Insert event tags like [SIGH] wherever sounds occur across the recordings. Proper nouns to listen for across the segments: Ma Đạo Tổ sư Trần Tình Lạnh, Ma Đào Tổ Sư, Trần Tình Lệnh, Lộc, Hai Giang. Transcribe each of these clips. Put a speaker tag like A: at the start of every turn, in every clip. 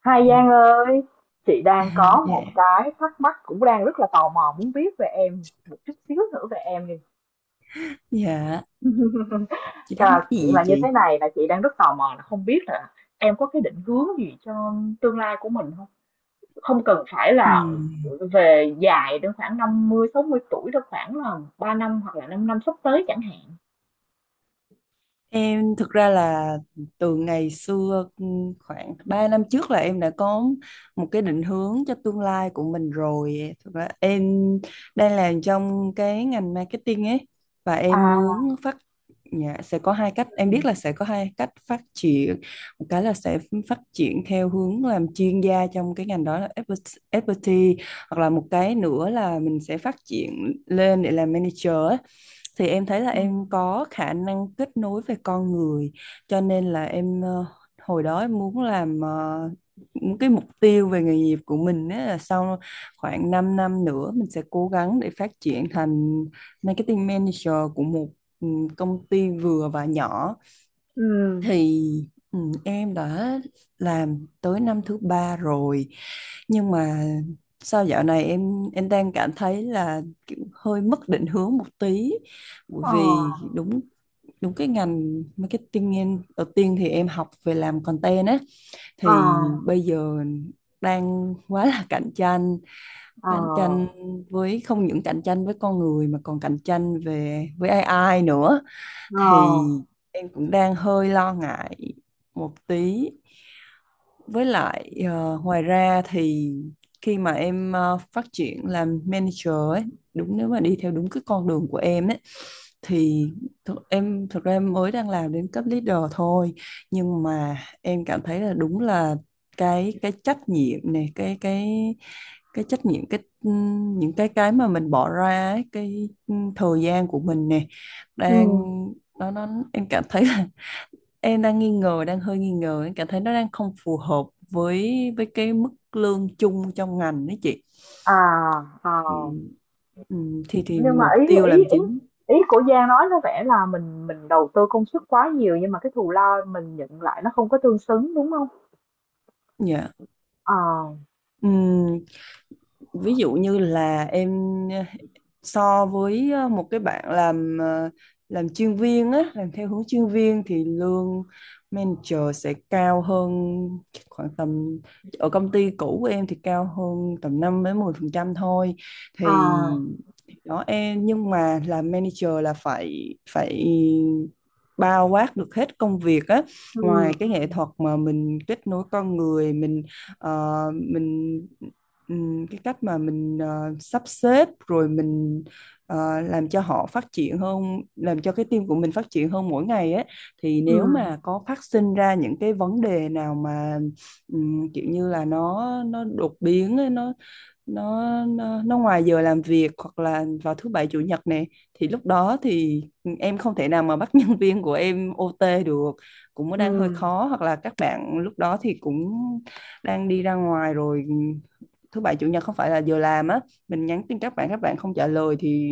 A: Hai
B: [LAUGHS] Ừ.
A: Giang ơi, chị
B: À,
A: đang có
B: dạ,
A: một cái thắc mắc, cũng đang rất là tò mò muốn biết về em một chút xíu, nữa về em đi.
B: dạ,
A: [LAUGHS]
B: chị thắc
A: Cả
B: mắc
A: chuyện
B: gì vậy
A: là như thế
B: chị?
A: này, là chị đang rất tò mò là không biết là em có cái định hướng gì cho tương lai của mình không? Không cần phải
B: Ừ.
A: là về dài đến khoảng năm mươi sáu mươi tuổi đâu, khoảng là 3 năm hoặc là 5 năm sắp tới chẳng hạn.
B: Em thực ra là từ ngày xưa khoảng 3 năm trước là em đã có một cái định hướng cho tương lai của mình rồi. Thực ra em đang làm trong cái ngành marketing ấy và em
A: À.
B: muốn phát dạ, sẽ có hai cách, em biết là sẽ có hai cách phát triển. Một cái là sẽ phát triển theo hướng làm chuyên gia trong cái ngành đó là expertise, hoặc là một cái nữa là mình sẽ phát triển lên để làm manager ấy. Thì em thấy là
A: Ừ.
B: em có khả năng kết nối về con người, cho nên là em hồi đó em muốn làm những cái mục tiêu về nghề nghiệp của mình ấy là sau khoảng 5 năm nữa mình sẽ cố gắng để phát triển thành marketing manager của một ừ, công ty vừa và nhỏ.
A: Ừ.
B: Thì ừ, em đã làm tới năm thứ ba rồi, nhưng mà sao dạo này em đang cảm thấy là kiểu hơi mất định hướng một tí, bởi
A: Ờ.
B: vì đúng đúng cái ngành marketing em đầu tiên thì em học về làm content á,
A: Ờ.
B: thì bây giờ đang quá là [LAUGHS] cạnh tranh, cạnh tranh
A: Ờ.
B: với không những cạnh tranh với con người mà còn cạnh tranh về với AI nữa.
A: Ờ.
B: Thì em cũng đang hơi lo ngại một tí. Với lại ngoài ra thì khi mà em phát triển làm manager ấy, đúng nếu mà đi theo đúng cái con đường của em ấy thì em thực ra em mới đang làm đến cấp leader thôi, nhưng mà em cảm thấy là đúng là cái trách nhiệm này, cái cái trách nhiệm, những cái mà mình bỏ ra ấy, cái thời gian của mình nè
A: Ừ.
B: đang nó em cảm thấy là em đang nghi ngờ, đang hơi nghi ngờ, em cảm thấy nó đang không phù hợp với cái mức lương chung trong ngành đấy chị.
A: À. Ờ.
B: Thì ừ, thì
A: Nhưng mà
B: mục
A: ý
B: tiêu
A: ý
B: làm
A: ý
B: chính
A: ý của Giang nói có vẻ là mình đầu tư công sức quá nhiều nhưng mà cái thù lao mình nhận lại nó không có tương xứng, đúng không?
B: dạ.
A: Ờ.
B: Ừ, Ví dụ như là em ờ, so với một cái bạn làm làm chuyên viên á, làm theo hướng chuyên viên, thì lương manager sẽ cao hơn khoảng tầm, ở công ty cũ của em thì cao hơn tầm 5 đến 10% thôi. Thì
A: À.
B: đó em, nhưng mà làm manager là phải phải bao quát được hết công việc á,
A: Ừ.
B: ngoài cái
A: Ừ.
B: nghệ thuật mà mình kết nối con người mình, mình cái cách mà mình sắp xếp rồi mình làm cho họ phát triển hơn, làm cho cái team của mình phát triển hơn mỗi ngày ấy. Thì
A: Ừ.
B: nếu mà có phát sinh ra những cái vấn đề nào mà kiểu như là nó đột biến ấy, nó ngoài giờ làm việc hoặc là vào thứ bảy chủ nhật này, thì lúc đó thì em không thể nào mà bắt [LAUGHS] nhân viên của em OT được, cũng mới đang hơi
A: Ừ.
B: khó, hoặc là các bạn lúc đó thì cũng đang đi ra ngoài rồi, thứ bảy chủ nhật không phải là giờ làm á, mình nhắn tin các bạn, các bạn không trả lời thì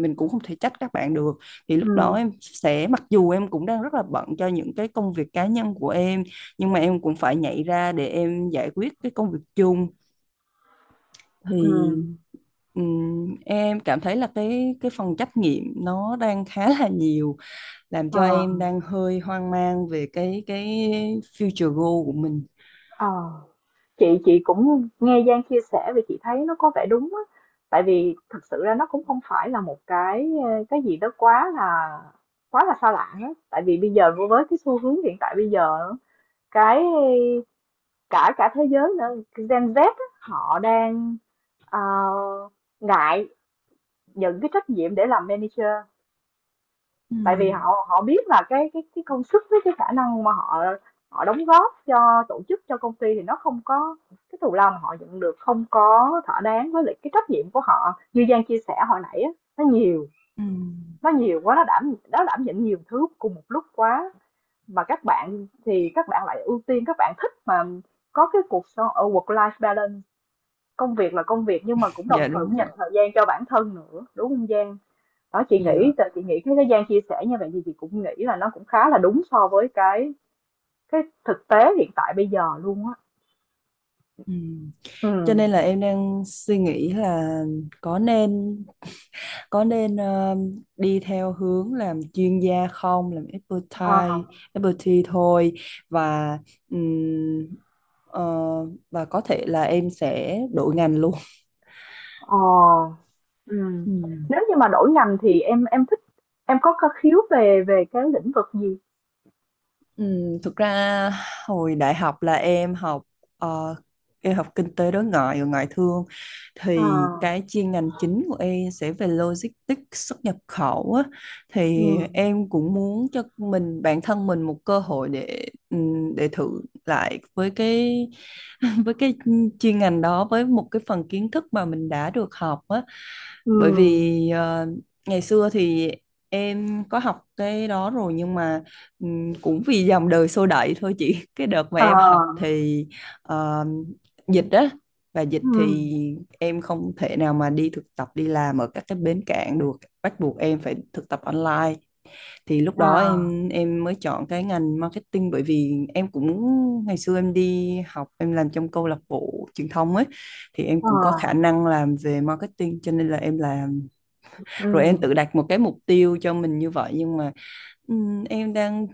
B: mình cũng không thể trách các bạn được. Thì lúc
A: Ừ.
B: đó em sẽ, mặc dù em cũng đang rất là bận cho những cái công việc cá nhân của em, nhưng mà em cũng phải nhảy ra để em giải quyết cái công việc chung.
A: Ừ.
B: Thì em cảm thấy là cái phần trắc nghiệm nó đang khá là nhiều, làm
A: Ờ.
B: cho em đang hơi hoang mang về cái future goal của mình.
A: Ờ. Chị cũng nghe Giang chia sẻ, vì chị thấy nó có vẻ đúng á, tại vì thực sự ra nó cũng không phải là một cái gì đó quá là xa lạ á, tại vì bây giờ với cái xu hướng hiện tại bây giờ cái cả cả thế giới nữa, Gen Z á, họ đang ờ, ngại nhận cái trách nhiệm để làm manager, tại vì
B: Ừm,
A: họ họ biết là cái công sức với cái khả năng mà họ họ đóng góp cho tổ chức cho công ty thì nó không có cái thù lao mà họ nhận được không có thỏa đáng với lại cái trách nhiệm của họ như Giang chia sẻ hồi nãy á, nó nhiều,
B: ừm,
A: nó nhiều quá, nó đảm nhận nhiều thứ cùng một lúc quá, mà các bạn thì các bạn lại ưu tiên, các bạn thích mà có cái cuộc sống ở work life balance, công việc là công việc nhưng mà cũng đồng
B: dạ
A: thời cũng
B: đúng ạ.
A: dành thời gian cho bản thân nữa, đúng không Giang? Đó, chị
B: Dạ.
A: nghĩ, cái Giang chia sẻ như vậy thì chị cũng nghĩ là nó cũng khá là đúng so với cái thực tế hiện tại bây giờ luôn á.
B: Ừm.
A: Ừ.
B: Cho nên là em đang suy nghĩ là có nên có nên đi theo hướng làm chuyên gia không, làm
A: À.
B: expertise, expertise thôi, và ừm, ờ, và có thể là em sẽ đổi ngành luôn.
A: Ờ. Ừ.
B: Ừm.
A: Nếu như mà đổi ngành thì em thích, em có khiếu về về cái lĩnh vực gì?
B: Ừ, thực ra hồi đại học là em học ờ, em học kinh tế đối ngoại và ngoại thương, thì
A: À.
B: cái chuyên ngành chính của em sẽ về logistics xuất nhập khẩu á.
A: Ừ.
B: Thì em cũng muốn cho bản thân mình một cơ hội để thử lại với cái [LAUGHS] với cái chuyên ngành đó, với một cái phần kiến thức mà mình đã được học á. Bởi
A: Ừ.
B: vì ngày xưa thì em có học cái đó rồi, nhưng mà cũng vì dòng đời xô đẩy thôi chị. [LAUGHS] Cái đợt mà
A: Ờ.
B: em học thì ờ, dịch á, và dịch
A: Ừ.
B: thì em không thể nào mà đi thực tập, đi làm ở các cái bến cảng được, bắt buộc em phải thực tập online. Thì lúc
A: Ờ.
B: đó em mới chọn cái ngành marketing, bởi vì em cũng ngày xưa em đi học em làm trong câu lạc bộ truyền thông ấy, thì em cũng có khả
A: À.
B: năng làm về marketing, cho nên là em làm, rồi em
A: Ừ.
B: tự đặt một cái mục tiêu cho mình như vậy. Nhưng mà Ừm, em đang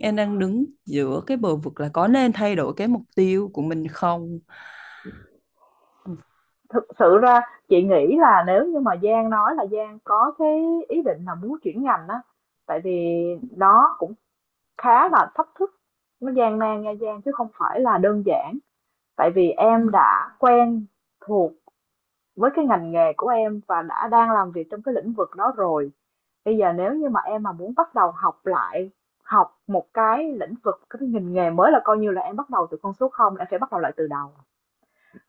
B: em đang đứng giữa cái bờ vực là có nên thay đổi cái mục tiêu của mình không. Ừm,
A: Thực sự ra chị nghĩ là nếu như mà Giang nói là Giang có cái ý định là muốn chuyển ngành á, tại vì nó cũng khá là thách thức, nó gian nan nha Giang, chứ không phải là đơn giản. Tại vì em
B: ừm,
A: đã quen thuộc với cái ngành nghề của em và đã đang làm việc trong cái lĩnh vực đó rồi. Bây giờ nếu như mà em mà muốn bắt đầu học lại, học một cái lĩnh vực, cái ngành nghề mới, là coi như là em bắt đầu từ con số không, em phải bắt đầu lại từ đầu,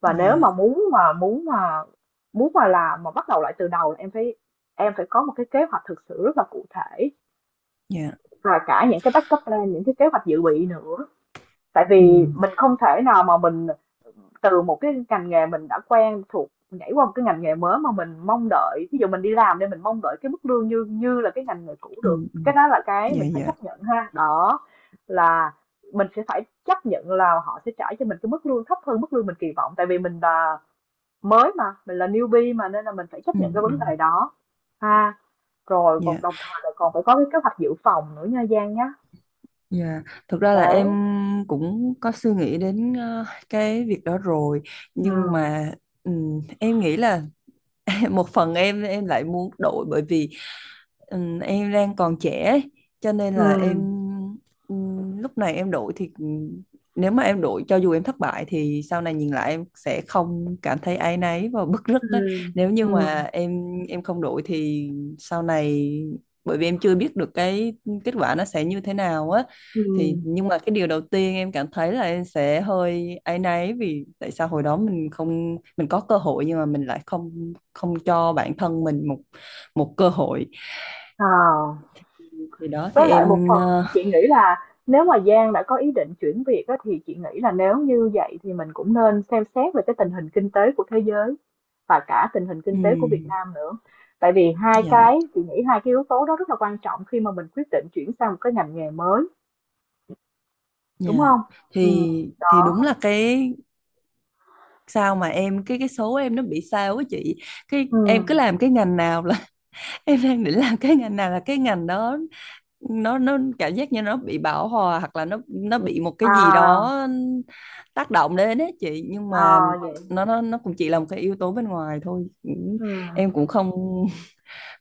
A: và nếu
B: Dạ,
A: mà muốn mà làm mà bắt đầu lại từ đầu là em phải có một cái kế hoạch thực sự rất là cụ thể,
B: dạ.
A: và cả những cái backup plan, những cái kế hoạch dự bị nữa, tại vì
B: Ừm,
A: mình không thể nào mà mình từ một cái ngành nghề mình đã quen thuộc nhảy qua một cái ngành nghề mới mà mình mong đợi, ví dụ mình đi làm nên mình mong đợi cái mức lương như như là cái ngành nghề cũ được.
B: ừm,
A: Cái
B: ừm.
A: đó là cái
B: Dạ,
A: mình phải
B: dạ.
A: chấp nhận ha. Đó là mình sẽ phải chấp nhận là họ sẽ trả cho mình cái mức lương thấp hơn mức lương mình kỳ vọng, tại vì mình là mới mà, mình là newbie mà, nên là mình phải chấp nhận cái
B: Ừm,
A: vấn
B: ừm.
A: đề đó ha. Rồi còn
B: Dạ,
A: đồng thời là còn phải có cái kế hoạch dự phòng nữa nha Giang nhá.
B: dạ. Thực ra là em
A: Đấy.
B: cũng có suy nghĩ đến cái việc đó rồi, nhưng
A: Ừ.
B: mà em nghĩ là [LAUGHS] một phần em lại muốn đổi, bởi vì em đang còn trẻ ấy, cho nên
A: Ừ.
B: là em lúc này em đổi thì, nếu mà em đổi cho dù em thất bại thì sau này nhìn lại em sẽ không cảm thấy áy náy và bứt rứt
A: Ừ.
B: ấy. Nếu
A: Ừ.
B: như mà em không đổi thì sau này, bởi vì em chưa biết được cái kết quả nó sẽ như thế nào á,
A: Ừ.
B: thì nhưng mà cái điều đầu tiên em cảm thấy là em sẽ hơi áy náy vì tại sao hồi đó mình không, mình có cơ hội nhưng mà mình lại không không cho bản thân mình một một cơ hội.
A: À.
B: Thì đó thì
A: Với lại một
B: em
A: phần chị nghĩ là nếu mà Giang đã có ý định chuyển việc á, thì chị nghĩ là nếu như vậy thì mình cũng nên xem xét về cái tình hình kinh tế của thế giới và cả tình hình kinh tế của Việt
B: ừm,
A: Nam nữa, tại vì hai
B: dạ.
A: cái, chị nghĩ hai cái yếu tố đó rất là quan trọng khi mà mình quyết định chuyển sang một cái ngành nghề mới. Đúng
B: Dạ.
A: không? Ừm.
B: Thì
A: Đó.
B: đúng là cái sao mà em cái số em nó bị sao á chị, cái em cứ
A: Ừm.
B: làm cái ngành nào là [LAUGHS] em đang định làm cái ngành nào là cái ngành đó nó cảm giác như nó bị bão hòa, hoặc là nó bị một cái gì đó
A: À.
B: tác động đến ấy chị. Nhưng mà
A: À. Vậy.
B: nó cũng chỉ là một cái yếu tố bên ngoài thôi. Cũng-
A: Ừm.
B: em cũng không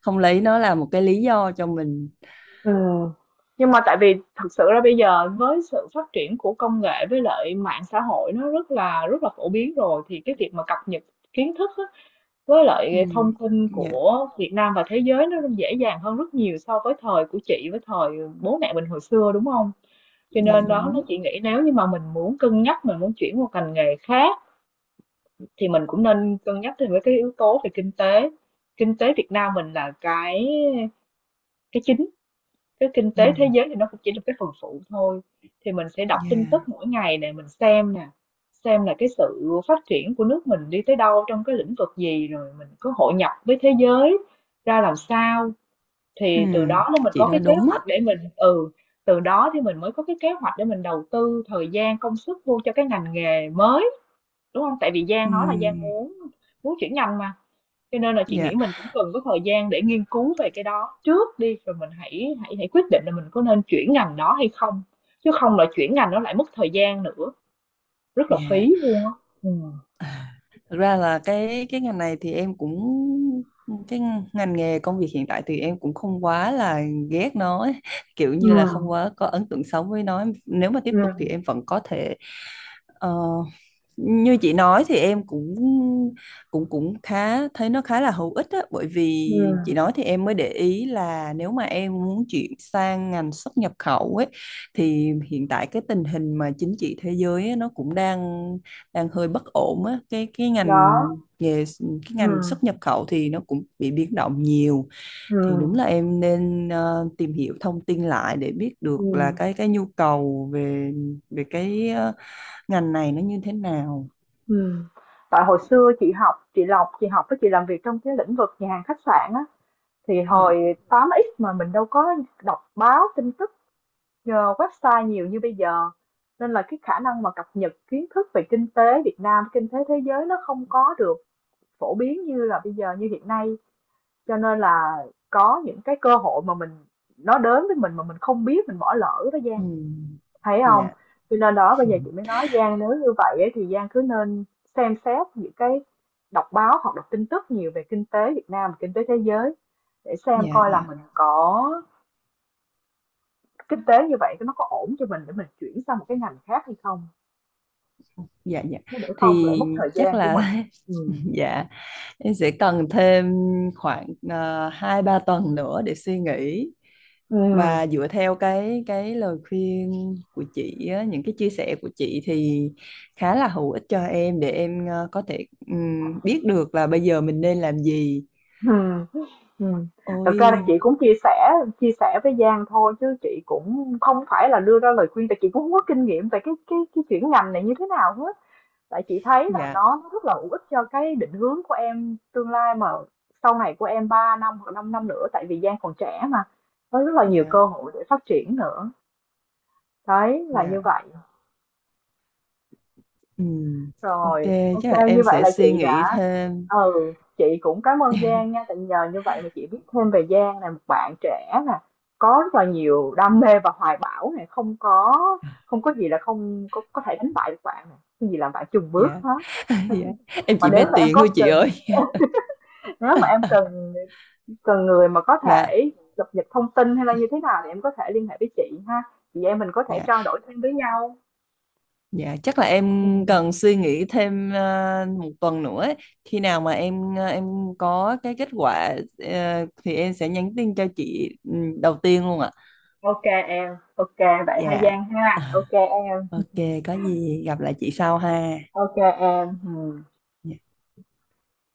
B: không lấy nó là một cái lý do cho mình.
A: Ừm. Nhưng mà tại vì thực sự ra bây giờ với sự phát triển của công nghệ, với lại mạng xã hội nó rất là phổ biến rồi, thì cái việc mà cập nhật kiến thức á, với
B: Ừ.
A: lại thông tin
B: Dạ,
A: của Việt Nam và thế giới nó dễ dàng hơn rất nhiều so với thời của chị, với thời bố mẹ mình hồi xưa, đúng không? Cho
B: dạ
A: nên đó, nó
B: đúng.
A: chị nghĩ nếu như mà mình muốn cân nhắc, mình muốn chuyển qua ngành nghề khác thì mình cũng nên cân nhắc thêm với cái yếu tố về kinh tế, kinh tế Việt Nam mình là cái chính, cái kinh tế thế
B: Ừm,
A: giới thì nó cũng chỉ là cái phần phụ thôi, thì mình sẽ đọc tin
B: yeah.
A: tức mỗi ngày để mình xem nè, xem là cái sự phát triển của nước mình đi tới đâu, trong cái lĩnh vực gì, rồi mình có hội nhập với thế giới ra làm sao, thì từ
B: Ừm,
A: đó nên mình
B: chị
A: có
B: nói
A: cái kế
B: đúng á.
A: hoạch để mình ừ, từ đó thì mình mới có cái kế hoạch để mình đầu tư thời gian công sức vô cho cái ngành nghề mới, đúng không, tại vì Giang nói là Giang
B: Ừm,
A: muốn muốn chuyển ngành mà, cho nên là chị
B: dạ,
A: nghĩ mình cũng cần có thời gian để nghiên cứu về cái đó trước đi, rồi mình hãy hãy hãy quyết định là mình có nên chuyển ngành đó hay không. Chứ không là chuyển ngành nó lại mất thời gian nữa, rất là
B: dạ.
A: phí luôn á. Ừ.
B: Thực ra là cái ngành này thì em cũng, cái ngành nghề công việc hiện tại thì em cũng không quá là ghét nó ấy. [LAUGHS] Kiểu
A: Ừ.
B: như là không quá có ấn tượng xấu với nó. Nếu mà tiếp
A: Ừ.
B: tục thì em vẫn có thể ờ, như chị nói thì em cũng cũng cũng khá thấy nó khá là hữu ích á, bởi vì
A: Ừ.
B: chị nói thì em mới để ý là nếu mà em muốn chuyển sang ngành xuất nhập khẩu ấy, thì hiện tại cái tình hình mà chính trị thế giới ấy, nó cũng đang đang hơi bất ổn á. Cái ngành
A: Đó.
B: nghề, cái
A: Ừ.
B: ngành xuất nhập khẩu thì nó cũng bị biến động nhiều.
A: Ừ.
B: Thì đúng là em nên tìm hiểu thông tin lại để biết
A: Ừ.
B: được là cái nhu cầu về về cái ngành này nó như thế nào.
A: Ừ. Tại hồi xưa chị học, chị Lộc chị học với chị làm việc trong cái lĩnh vực nhà hàng khách sạn á, thì
B: Dạ.
A: hồi tám x mà mình đâu có đọc báo tin tức nhờ website nhiều như bây giờ, nên là cái khả năng mà cập nhật kiến thức về kinh tế Việt Nam, kinh tế thế giới nó không có được phổ biến như là bây giờ như hiện nay. Cho nên là có những cái cơ hội mà mình, nó đến với mình mà mình không biết, mình bỏ lỡ đó
B: Ừ.
A: Giang. Thấy không?
B: Dạ.
A: Cho nên đó bây giờ chị mới nói Giang, nếu như vậy ấy, thì Giang cứ nên xem xét những cái, đọc báo hoặc đọc tin tức nhiều về kinh tế Việt Nam, và kinh tế thế giới, để xem
B: Dạ,
A: coi là
B: dạ.
A: mình có kinh tế như vậy nó có ổn cho mình để mình chuyển sang một cái ngành khác hay không?
B: Dạ, dạ.
A: Chứ để không lại
B: Thì
A: mất thời
B: chắc
A: gian của mình.
B: là
A: Ừm.
B: [LAUGHS] dạ, em sẽ cần thêm khoảng hai ba tuần nữa để suy nghĩ,
A: Ừm.
B: và dựa theo cái lời khuyên của chị á, những cái chia sẻ của chị thì khá là hữu ích cho em để em có thể biết được là bây giờ mình nên làm gì.
A: Ừm. Ừm. Thật ra là chị
B: Ôi,
A: cũng chia sẻ, với Giang thôi, chứ chị cũng không phải là đưa ra lời khuyên, tại chị cũng không có kinh nghiệm về cái chuyển ngành này như thế nào hết. Tại chị thấy là
B: dạ,
A: nó rất là hữu ích cho cái định hướng của em tương lai, mà sau này của em 3 năm hoặc 5 năm nữa, tại vì Giang còn trẻ mà. Có rất là nhiều
B: dạ,
A: cơ hội để phát triển nữa. Đấy là
B: dạ.
A: như vậy.
B: Ừm, ok,
A: Rồi,
B: chắc là
A: ok, như
B: em
A: vậy
B: sẽ
A: là
B: suy
A: chị
B: nghĩ
A: đã
B: thêm.
A: ừ, chị cũng cảm ơn Giang
B: [LAUGHS]
A: nha, tại nhờ như vậy mà chị biết thêm về Giang là một bạn trẻ nè, có rất là nhiều đam mê và hoài bão này, không có không có gì là không có có thể đánh bại được bạn này, cái gì làm bạn chùn bước
B: Dạ.
A: hết.
B: Dạ. Em
A: Mà
B: chỉ
A: nếu
B: mê
A: mà em
B: tiền thôi
A: có
B: chị
A: cần,
B: ơi.
A: nếu mà em cần cần người mà có
B: Dạ,
A: thể cập nhật thông tin hay là như thế nào thì em có thể liên hệ với chị ha. Chị em mình có thể
B: dạ,
A: trao đổi thêm với nhau.
B: dạ chắc là em
A: Ừ.
B: cần suy nghĩ thêm một tuần nữa ấy. Khi nào mà em em có cái kết quả thì em sẽ nhắn tin cho chị đầu tiên luôn ạ.
A: Ok em, ok vậy ha
B: Dạ.
A: Giang
B: Ờ,
A: ha. Ok em.
B: Ok, có gì gặp lại chị sau ha.
A: Ok em ừ.
B: Dạ.